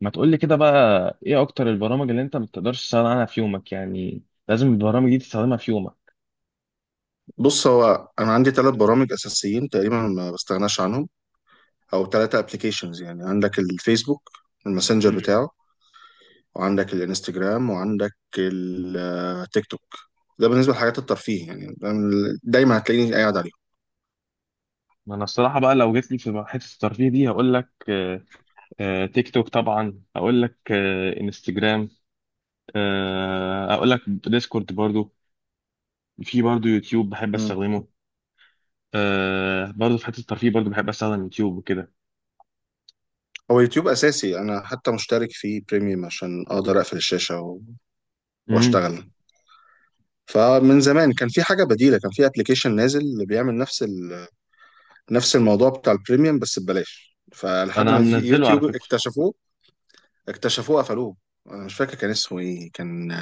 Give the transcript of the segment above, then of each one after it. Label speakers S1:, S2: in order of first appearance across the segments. S1: ما تقولي كده بقى. ايه اكتر البرامج اللي انت ما بتقدرش تستغنى عنها في يومك يعني؟ لازم البرامج دي تستخدمها في يومك.
S2: بص، هو انا عندي ثلاث برامج اساسيين تقريبا ما بستغناش عنهم، او ثلاثه ابلكيشنز. يعني عندك الفيسبوك، الماسنجر
S1: مم.
S2: بتاعه، وعندك الانستجرام، وعندك التيك توك. ده بالنسبه لحاجات الترفيه، يعني دايما هتلاقيني قاعد عليهم.
S1: ما انا الصراحه بقى لو جيت لي في حته الترفيه دي هقول لك، تيك توك طبعا، هقول لك، انستجرام، هقول لك ديسكورد برضو. في برضو يوتيوب بحب
S2: مم.
S1: استخدمه. برضو في حته الترفيه برضو بحب استخدم يوتيوب وكده.
S2: هو يوتيوب اساسي، انا حتى مشترك فيه بريميوم عشان اقدر اقفل الشاشه
S1: امم.
S2: واشتغل. فمن زمان كان في حاجه بديله، كان في ابلكيشن نازل اللي بيعمل نفس نفس الموضوع بتاع البريميوم بس ببلاش، فلحد
S1: انا
S2: ما
S1: منزله على
S2: يوتيوب
S1: فكره.
S2: اكتشفوه قفلوه. انا مش فاكر كان اسمه ايه، كان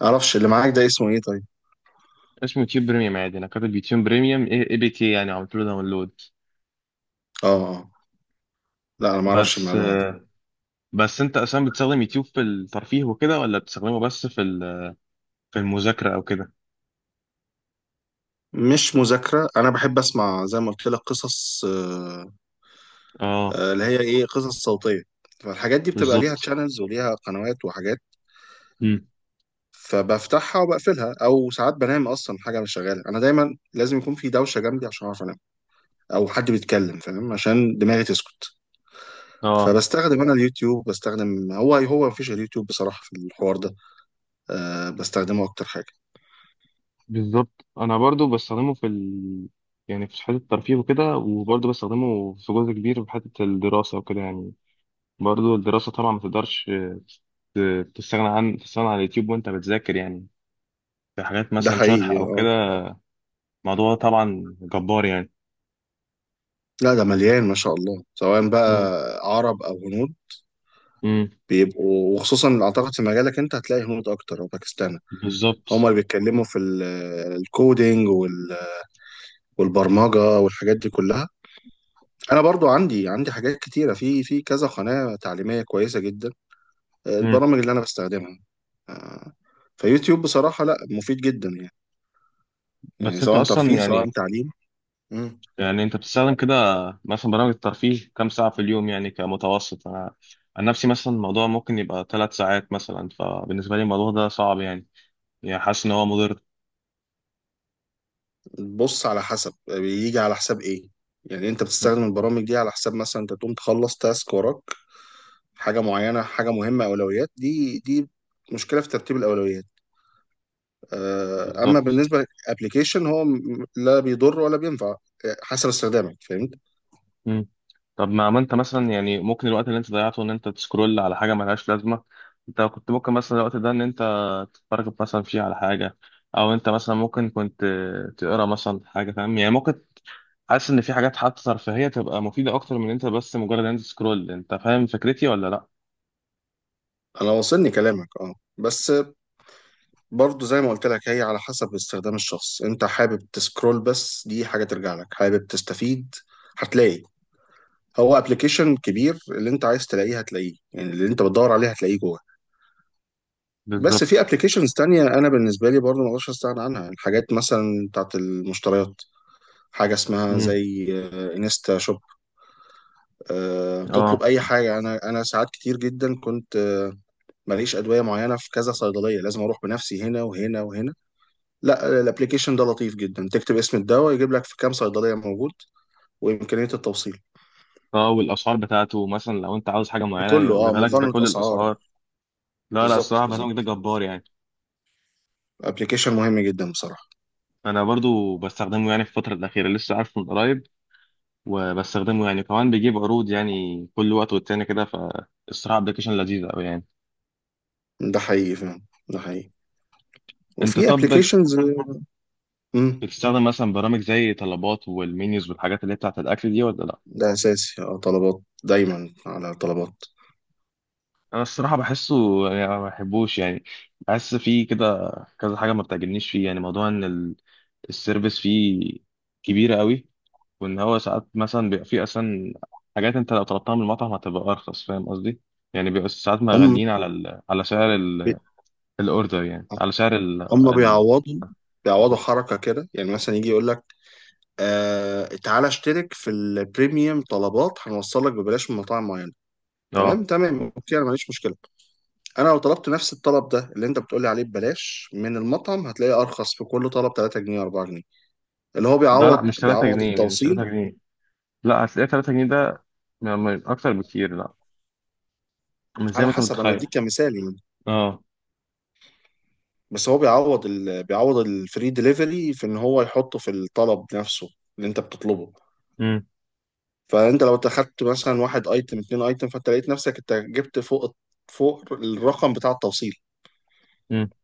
S2: معرفش. اللي معاك ده اسمه ايه طيب؟
S1: اسمه يوتيوب بريميوم عادي، انا كاتب يوتيوب بريميوم اي بي تي يعني عملت له داونلود.
S2: اه. اه. لا، انا ما اعرفش
S1: بس
S2: المعلومه دي.
S1: آه، بس انت اصلا بتستخدم يوتيوب في الترفيه وكده، ولا بتستخدمه بس في في المذاكرة او كده؟
S2: مش مذاكره، انا بحب اسمع زي ما قلت لك قصص،
S1: اه،
S2: اللي هي ايه، قصص صوتيه. فالحاجات دي بتبقى ليها
S1: بالظبط.
S2: تشانلز وليها قنوات وحاجات،
S1: امم.
S2: فبفتحها وبقفلها، او ساعات بنام اصلا. حاجه مش شغاله، انا دايما لازم يكون في دوشه جنبي عشان اعرف انام، او حد بيتكلم فاهم عشان دماغي تسكت.
S1: اه،
S2: فبستخدم انا اليوتيوب، بستخدم هو مفيش اليوتيوب بصراحه في الحوار ده، أه بستخدمه اكتر حاجه.
S1: بالظبط. انا برضو بستخدمه في يعني في حته الترفيه وكده، وبرضو بستخدمه في جزء كبير في حته الدراسه وكده يعني. برضو الدراسه طبعا ما تقدرش تستغنى عن اليوتيوب وانت بتذاكر يعني. في حاجات
S2: ده
S1: مثلا شرح
S2: حقيقي،
S1: او
S2: اه.
S1: كده. الموضوع طبعا جبار يعني.
S2: لا، ده مليان ما شاء الله، سواء بقى
S1: امم.
S2: عرب او هنود،
S1: امم.
S2: بيبقوا. وخصوصا اعتقد في مجالك انت هتلاقي هنود اكتر او باكستان، هم
S1: بالظبط.
S2: اللي بيتكلموا في الكودينج والبرمجه والحاجات دي كلها. انا برضو عندي حاجات كتيره في كذا قناه تعليميه كويسه جدا،
S1: امم.
S2: البرامج اللي انا بستخدمها، آه، فيوتيوب بصراحه، لا مفيد جدا يعني، يعني
S1: بس انت
S2: سواء
S1: اصلا
S2: ترفيه سواء
S1: يعني
S2: تعليم.
S1: يعني انت بتستخدم كده مثلا برامج الترفيه كام ساعة في اليوم يعني كمتوسط؟ انا عن نفسي مثلا الموضوع ممكن يبقى ثلاث ساعات مثلا، فبالنسبة لي الموضوع ده صعب يعني. يعني حاسس ان هو مضر.
S2: بص، على حسب، بيجي على حساب ايه. يعني انت
S1: م.
S2: بتستخدم البرامج دي على حساب مثلا انت تقوم تخلص تاسك وراك، حاجه معينه حاجه مهمه، اولويات، دي مشكله في ترتيب الاولويات. اما
S1: بالظبط.
S2: بالنسبه للابلكيشن، هو لا بيضر ولا بينفع، حسب استخدامك، فهمت.
S1: م. طب ما انت مثلا يعني ممكن الوقت اللي انت ضيعته ان انت تسكرول على حاجة ملهاش لازمة، انت كنت ممكن مثلا الوقت ده ان انت تتفرج مثلا فيه على حاجة، او انت مثلا ممكن كنت تقرا مثلا حاجة، فاهم يعني. ممكن حاسس ان في حاجات حتى ترفيهية تبقى مفيدة اكتر من انت بس مجرد ان انت تسكرول. انت فاهم فكرتي ولا لا؟
S2: انا واصلني كلامك، اه، بس برضه زي ما قلت لك، هي على حسب استخدام الشخص. انت حابب تسكرول بس، دي حاجه ترجع لك. حابب تستفيد، هتلاقي. هو ابلكيشن كبير، اللي انت عايز تلاقيه هتلاقيه، يعني اللي انت بتدور عليه هتلاقيه جوه. بس
S1: بالظبط.
S2: في ابلكيشنز تانية انا بالنسبه لي برضو ما اقدرش استغنى عنها، الحاجات مثلا بتاعت المشتريات، حاجه اسمها
S1: امم.
S2: زي انستا شوب،
S1: اه.
S2: تطلب اي حاجه. انا ساعات كتير جدا كنت، ماليش ادويه معينه في كذا صيدليه، لازم اروح بنفسي هنا وهنا وهنا. لا، الابلكيشن ده لطيف جدا، تكتب اسم الدواء يجيب لك في كام صيدليه موجود، وامكانيه التوصيل.
S1: اه، والاسعار بتاعته مثلا لو انت عاوز حاجه معينه
S2: بكله، اه،
S1: يجيبها لك
S2: مقارنه
S1: بكل
S2: اسعار.
S1: الاسعار. لا لا،
S2: بالظبط
S1: الصراحه برنامج ده
S2: بالظبط،
S1: جبار يعني.
S2: ابلكيشن مهم جدا بصراحه.
S1: انا برضو بستخدمه يعني في الفتره الاخيره، لسه عارفه من قريب، وبستخدمه يعني كمان بيجيب عروض يعني كل وقت والتاني كده، فالصراحه ابلكيشن لذيذ قوي يعني.
S2: ده حقيقي فعلا، ده حقيقي.
S1: انت
S2: وفي
S1: طب
S2: ابلكيشنز. امم.
S1: بتستخدم مثلا برامج زي طلبات والمنيوز والحاجات اللي هي بتاعت الاكل دي، ولا لا؟
S2: ده اساسي، اه، طلبات، دايما على طلبات.
S1: انا الصراحه بحسه، يعني ما بحبوش يعني. بحس فيه كده كذا حاجه ما بتعجبنيش فيه. يعني موضوع ان السيرفيس فيه كبيرة قوي، وإن هو ساعات مثلا بيبقى فيه أصلا حاجات أنت لو طلبتها من المطعم هتبقى أرخص، فاهم قصدي؟ يعني بيبقى ساعات
S2: هم
S1: مغلين على على سعر
S2: بي...
S1: الأوردر، يعني على سعر
S2: هم
S1: ال...
S2: بيعوضوا حركه كده، يعني مثلا يجي يقول لك آه، تعالى اشترك في البريميوم طلبات، هنوصل لك ببلاش من مطاعم معينه. تمام
S1: اه.
S2: تمام، اوكي، انا ماليش مشكله. انا لو طلبت نفس الطلب ده اللي انت بتقولي عليه ببلاش من المطعم، هتلاقيه ارخص في كل طلب 3 جنيه 4 جنيه، اللي هو
S1: لا لا،
S2: بيعوض،
S1: مش 3
S2: بيعوض
S1: جنيه مش 3
S2: التوصيل.
S1: جنيه لا، هتلاقي 3 جنيه ده أكتر بكتير، لا، مش زي
S2: على
S1: ما أنت
S2: حسب، انا بديك
S1: متخيل.
S2: كمثال يعني.
S1: اه.
S2: بس هو بيعوض بيعوض الفري دليفري في ان هو يحطه في الطلب نفسه اللي انت بتطلبه.
S1: امم.
S2: فانت لو اخدت مثلا واحد ايتم اتنين ايتم، فانت لقيت نفسك انت جبت فوق الرقم بتاع التوصيل
S1: امم.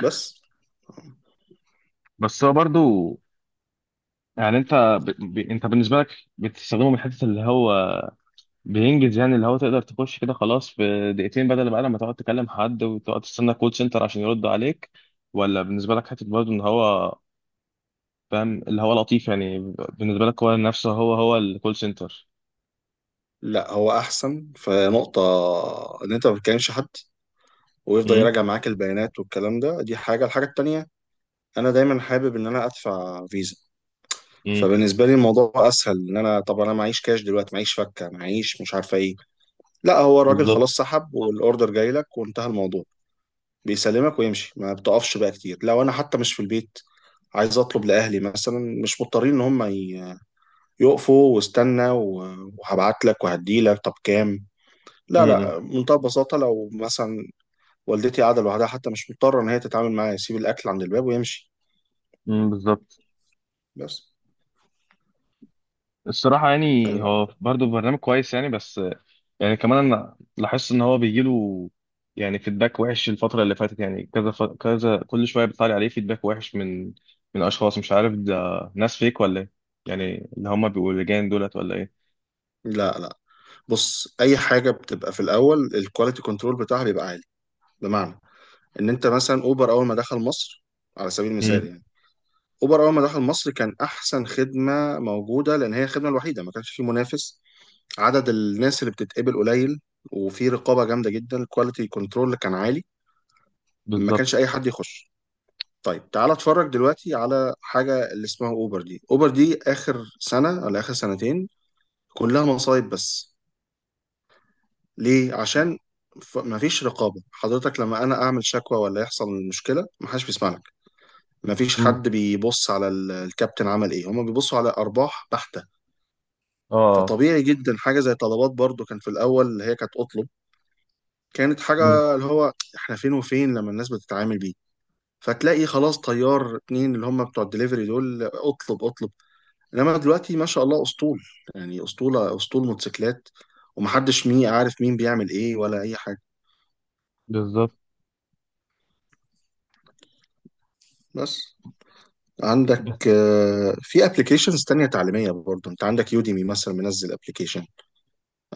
S2: بس.
S1: بس هو برضو يعني، أنت أنت بالنسبة لك بتستخدمه من حتة اللي هو بينجز، يعني اللي هو تقدر تخش كده خلاص في دقيقتين بدل بقى لما تقعد تكلم حد وتقعد تستنى كول سنتر عشان يرد عليك؟ ولا بالنسبة لك حتة برضه ان هو، فاهم، اللي هو لطيف يعني؟ بالنسبة لك هو نفسه هو الكول سنتر؟
S2: لا، هو احسن في نقطة، ان انت ما بتكلمش حد ويفضل
S1: امم.
S2: يراجع معاك البيانات والكلام ده. دي حاجة. الحاجة التانية، انا دايما حابب ان انا ادفع فيزا.
S1: امم.
S2: فبالنسبة لي الموضوع اسهل، ان انا طب انا معيش كاش دلوقتي، معيش فكة، معيش مش عارفة ايه. لا، هو الراجل خلاص
S1: بالظبط.
S2: سحب، والاوردر جاي لك وانتهى الموضوع، بيسلمك ويمشي. ما بتقفش بقى كتير، لو انا حتى مش في البيت، عايز اطلب لاهلي مثلا، مش مضطرين ان هم يقفوا واستنى وهبعت لك وهدي لك طب كام. لا
S1: امم.
S2: لا، بمنتهى البساطه. لو مثلا والدتي قاعده لوحدها، حتى مش مضطره ان هي تتعامل معايا، يسيب الاكل عند الباب ويمشي
S1: امم. بالظبط.
S2: بس.
S1: الصراحة يعني
S2: يعني
S1: هو برضه برنامج كويس يعني، بس يعني كمان أنا لاحظت إن هو بيجيله يعني فيدباك وحش الفترة اللي فاتت، يعني كذا كذا كل شوية بيطلع لي عليه فيدباك وحش من من أشخاص، مش عارف ده ناس فيك ولا إيه، يعني اللي هما بيبقوا لجان دولت ولا إيه؟
S2: لا لا، بص، اي حاجه بتبقى في الاول الكواليتي كنترول بتاعها بيبقى عالي. بمعنى ان انت مثلا اوبر، اول ما دخل مصر على سبيل المثال
S1: امم.
S2: يعني، اوبر اول ما دخل مصر كان احسن خدمه موجوده، لان هي الخدمه الوحيده، ما كانش في منافس. عدد الناس اللي بتتقبل قليل، وفي رقابه جامده جدا، الكواليتي كنترول كان عالي، ما كانش
S1: بالظبط.
S2: اي حد يخش. طيب تعال اتفرج دلوقتي على حاجه اللي اسمها اوبر دي اخر سنه ولا اخر سنتين، كلها مصايب بس. ليه؟ عشان مفيش رقابه. حضرتك لما انا اعمل شكوى ولا يحصل مشكله، محدش بيسمع لك. مفيش
S1: امم.
S2: حد بيبص على الكابتن عمل ايه، هما بيبصوا على ارباح بحته.
S1: آه.
S2: فطبيعي جدا حاجه زي طلبات، برضو كان في الاول، اللي هي كانت اطلب، كانت
S1: امم.
S2: حاجه اللي هو احنا فين وفين لما الناس بتتعامل بيه. فتلاقي خلاص طيار اتنين اللي هم بتوع الدليفري دول، اطلب اطلب. انما دلوقتي ما شاء الله اسطول، يعني اسطوله، اسطول موتوسيكلات، ومحدش مين عارف مين بيعمل ايه ولا اي حاجه
S1: بالظبط.
S2: بس. عندك
S1: بس
S2: في ابلكيشنز تانية تعليمية برضو، انت عندك يوديمي مثلا، منزل ابلكيشن،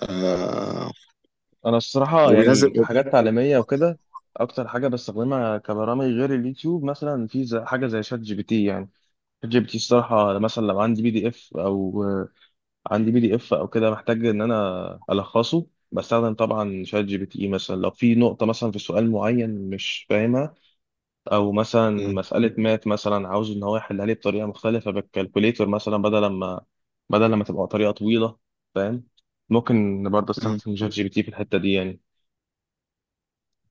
S2: آه،
S1: أنا الصراحة يعني
S2: وبينزل.
S1: كحاجات تعليمية وكده، أكتر حاجة بستخدمها كبرامج غير اليوتيوب مثلا في حاجة زي شات جي بي تي يعني. شات جي بي تي الصراحه، مثلا لو عندي بي دي اف او عندي بي دي اف او كده محتاج ان انا الخصه، بستخدم طبعا شات جي بي تي. إيه مثلا لو في نقطه مثلا في سؤال معين مش فاهمها، او مثلا
S2: مم.
S1: مساله مات مثلا عاوز ان هو يحلها لي بطريقه مختلفه بالكالكوليتر مثلا، بدل ما تبقى طريقه طويله، فاهم، ممكن برضه
S2: مم.
S1: استخدم شات جي بي تي في الحته دي يعني.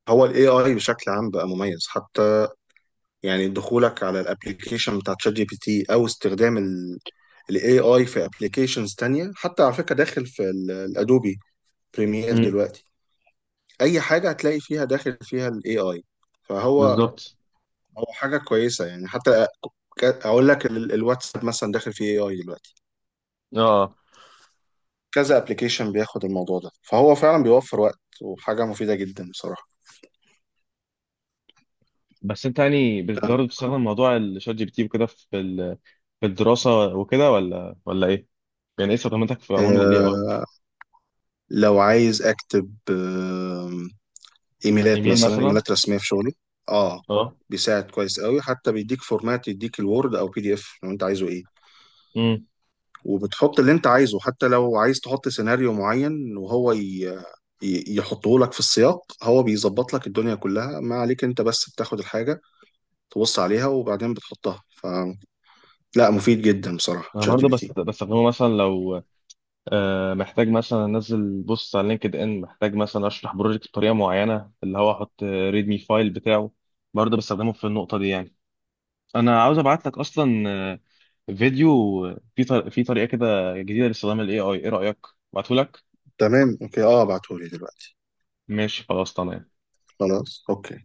S2: هو الاي اي بشكل عام بقى مميز حتى، يعني دخولك على الابلكيشن بتاع تشات جي بي تي، او استخدام الاي اي في ابلكيشنز تانية حتى على فكرة، داخل في الادوبي بريمير
S1: امم.
S2: دلوقتي. اي حاجة هتلاقي فيها داخل فيها الاي اي، فهو
S1: بالظبط.
S2: هو حاجة كويسة يعني. حتى اقول لك الواتساب مثلا داخل فيه اي اي دلوقتي.
S1: اه.
S2: كذا ابلكيشن بياخد الموضوع ده، فهو فعلا بيوفر وقت، وحاجة مفيدة جدا بصراحة.
S1: بس انت يعني برضه بتستخدم موضوع الشات جي بي تي وكده في في الدراسه وكده ولا ايه؟ يعني ايه استخداماتك في عموم للاي اي؟
S2: آه، لو عايز اكتب ايميلات
S1: ايميل
S2: مثلا،
S1: مثلا.
S2: ايميلات رسميه في شغلي. اه،
S1: اه.
S2: بيساعد كويس قوي، حتى بيديك فورمات، يديك الوورد او بي دي اف لو انت عايزه ايه.
S1: امم.
S2: وبتحط اللي انت عايزه، حتى لو عايز تحط سيناريو معين وهو يحطه لك في السياق، هو بيظبط لك الدنيا كلها، ما عليك انت بس بتاخد الحاجه تبص عليها وبعدين بتحطها. فلا، مفيد جدا بصراحه
S1: انا
S2: تشات جي
S1: برضه
S2: بي
S1: بس
S2: تي.
S1: بستخدمه مثلا لو محتاج مثلا انزل بوست على لينكد ان، محتاج مثلا اشرح بروجكت بطريقه معينه، اللي هو احط ريدمي فايل بتاعه، برضه بستخدمه في النقطه دي يعني. انا عاوز ابعت لك اصلا فيديو في طريقه كده جديده لاستخدام الاي اي، ايه رايك؟ ابعته لك.
S2: تمام اوكي، اه، ابعتهولي دلوقتي.
S1: ماشي خلاص تمام.
S2: خلاص اوكي.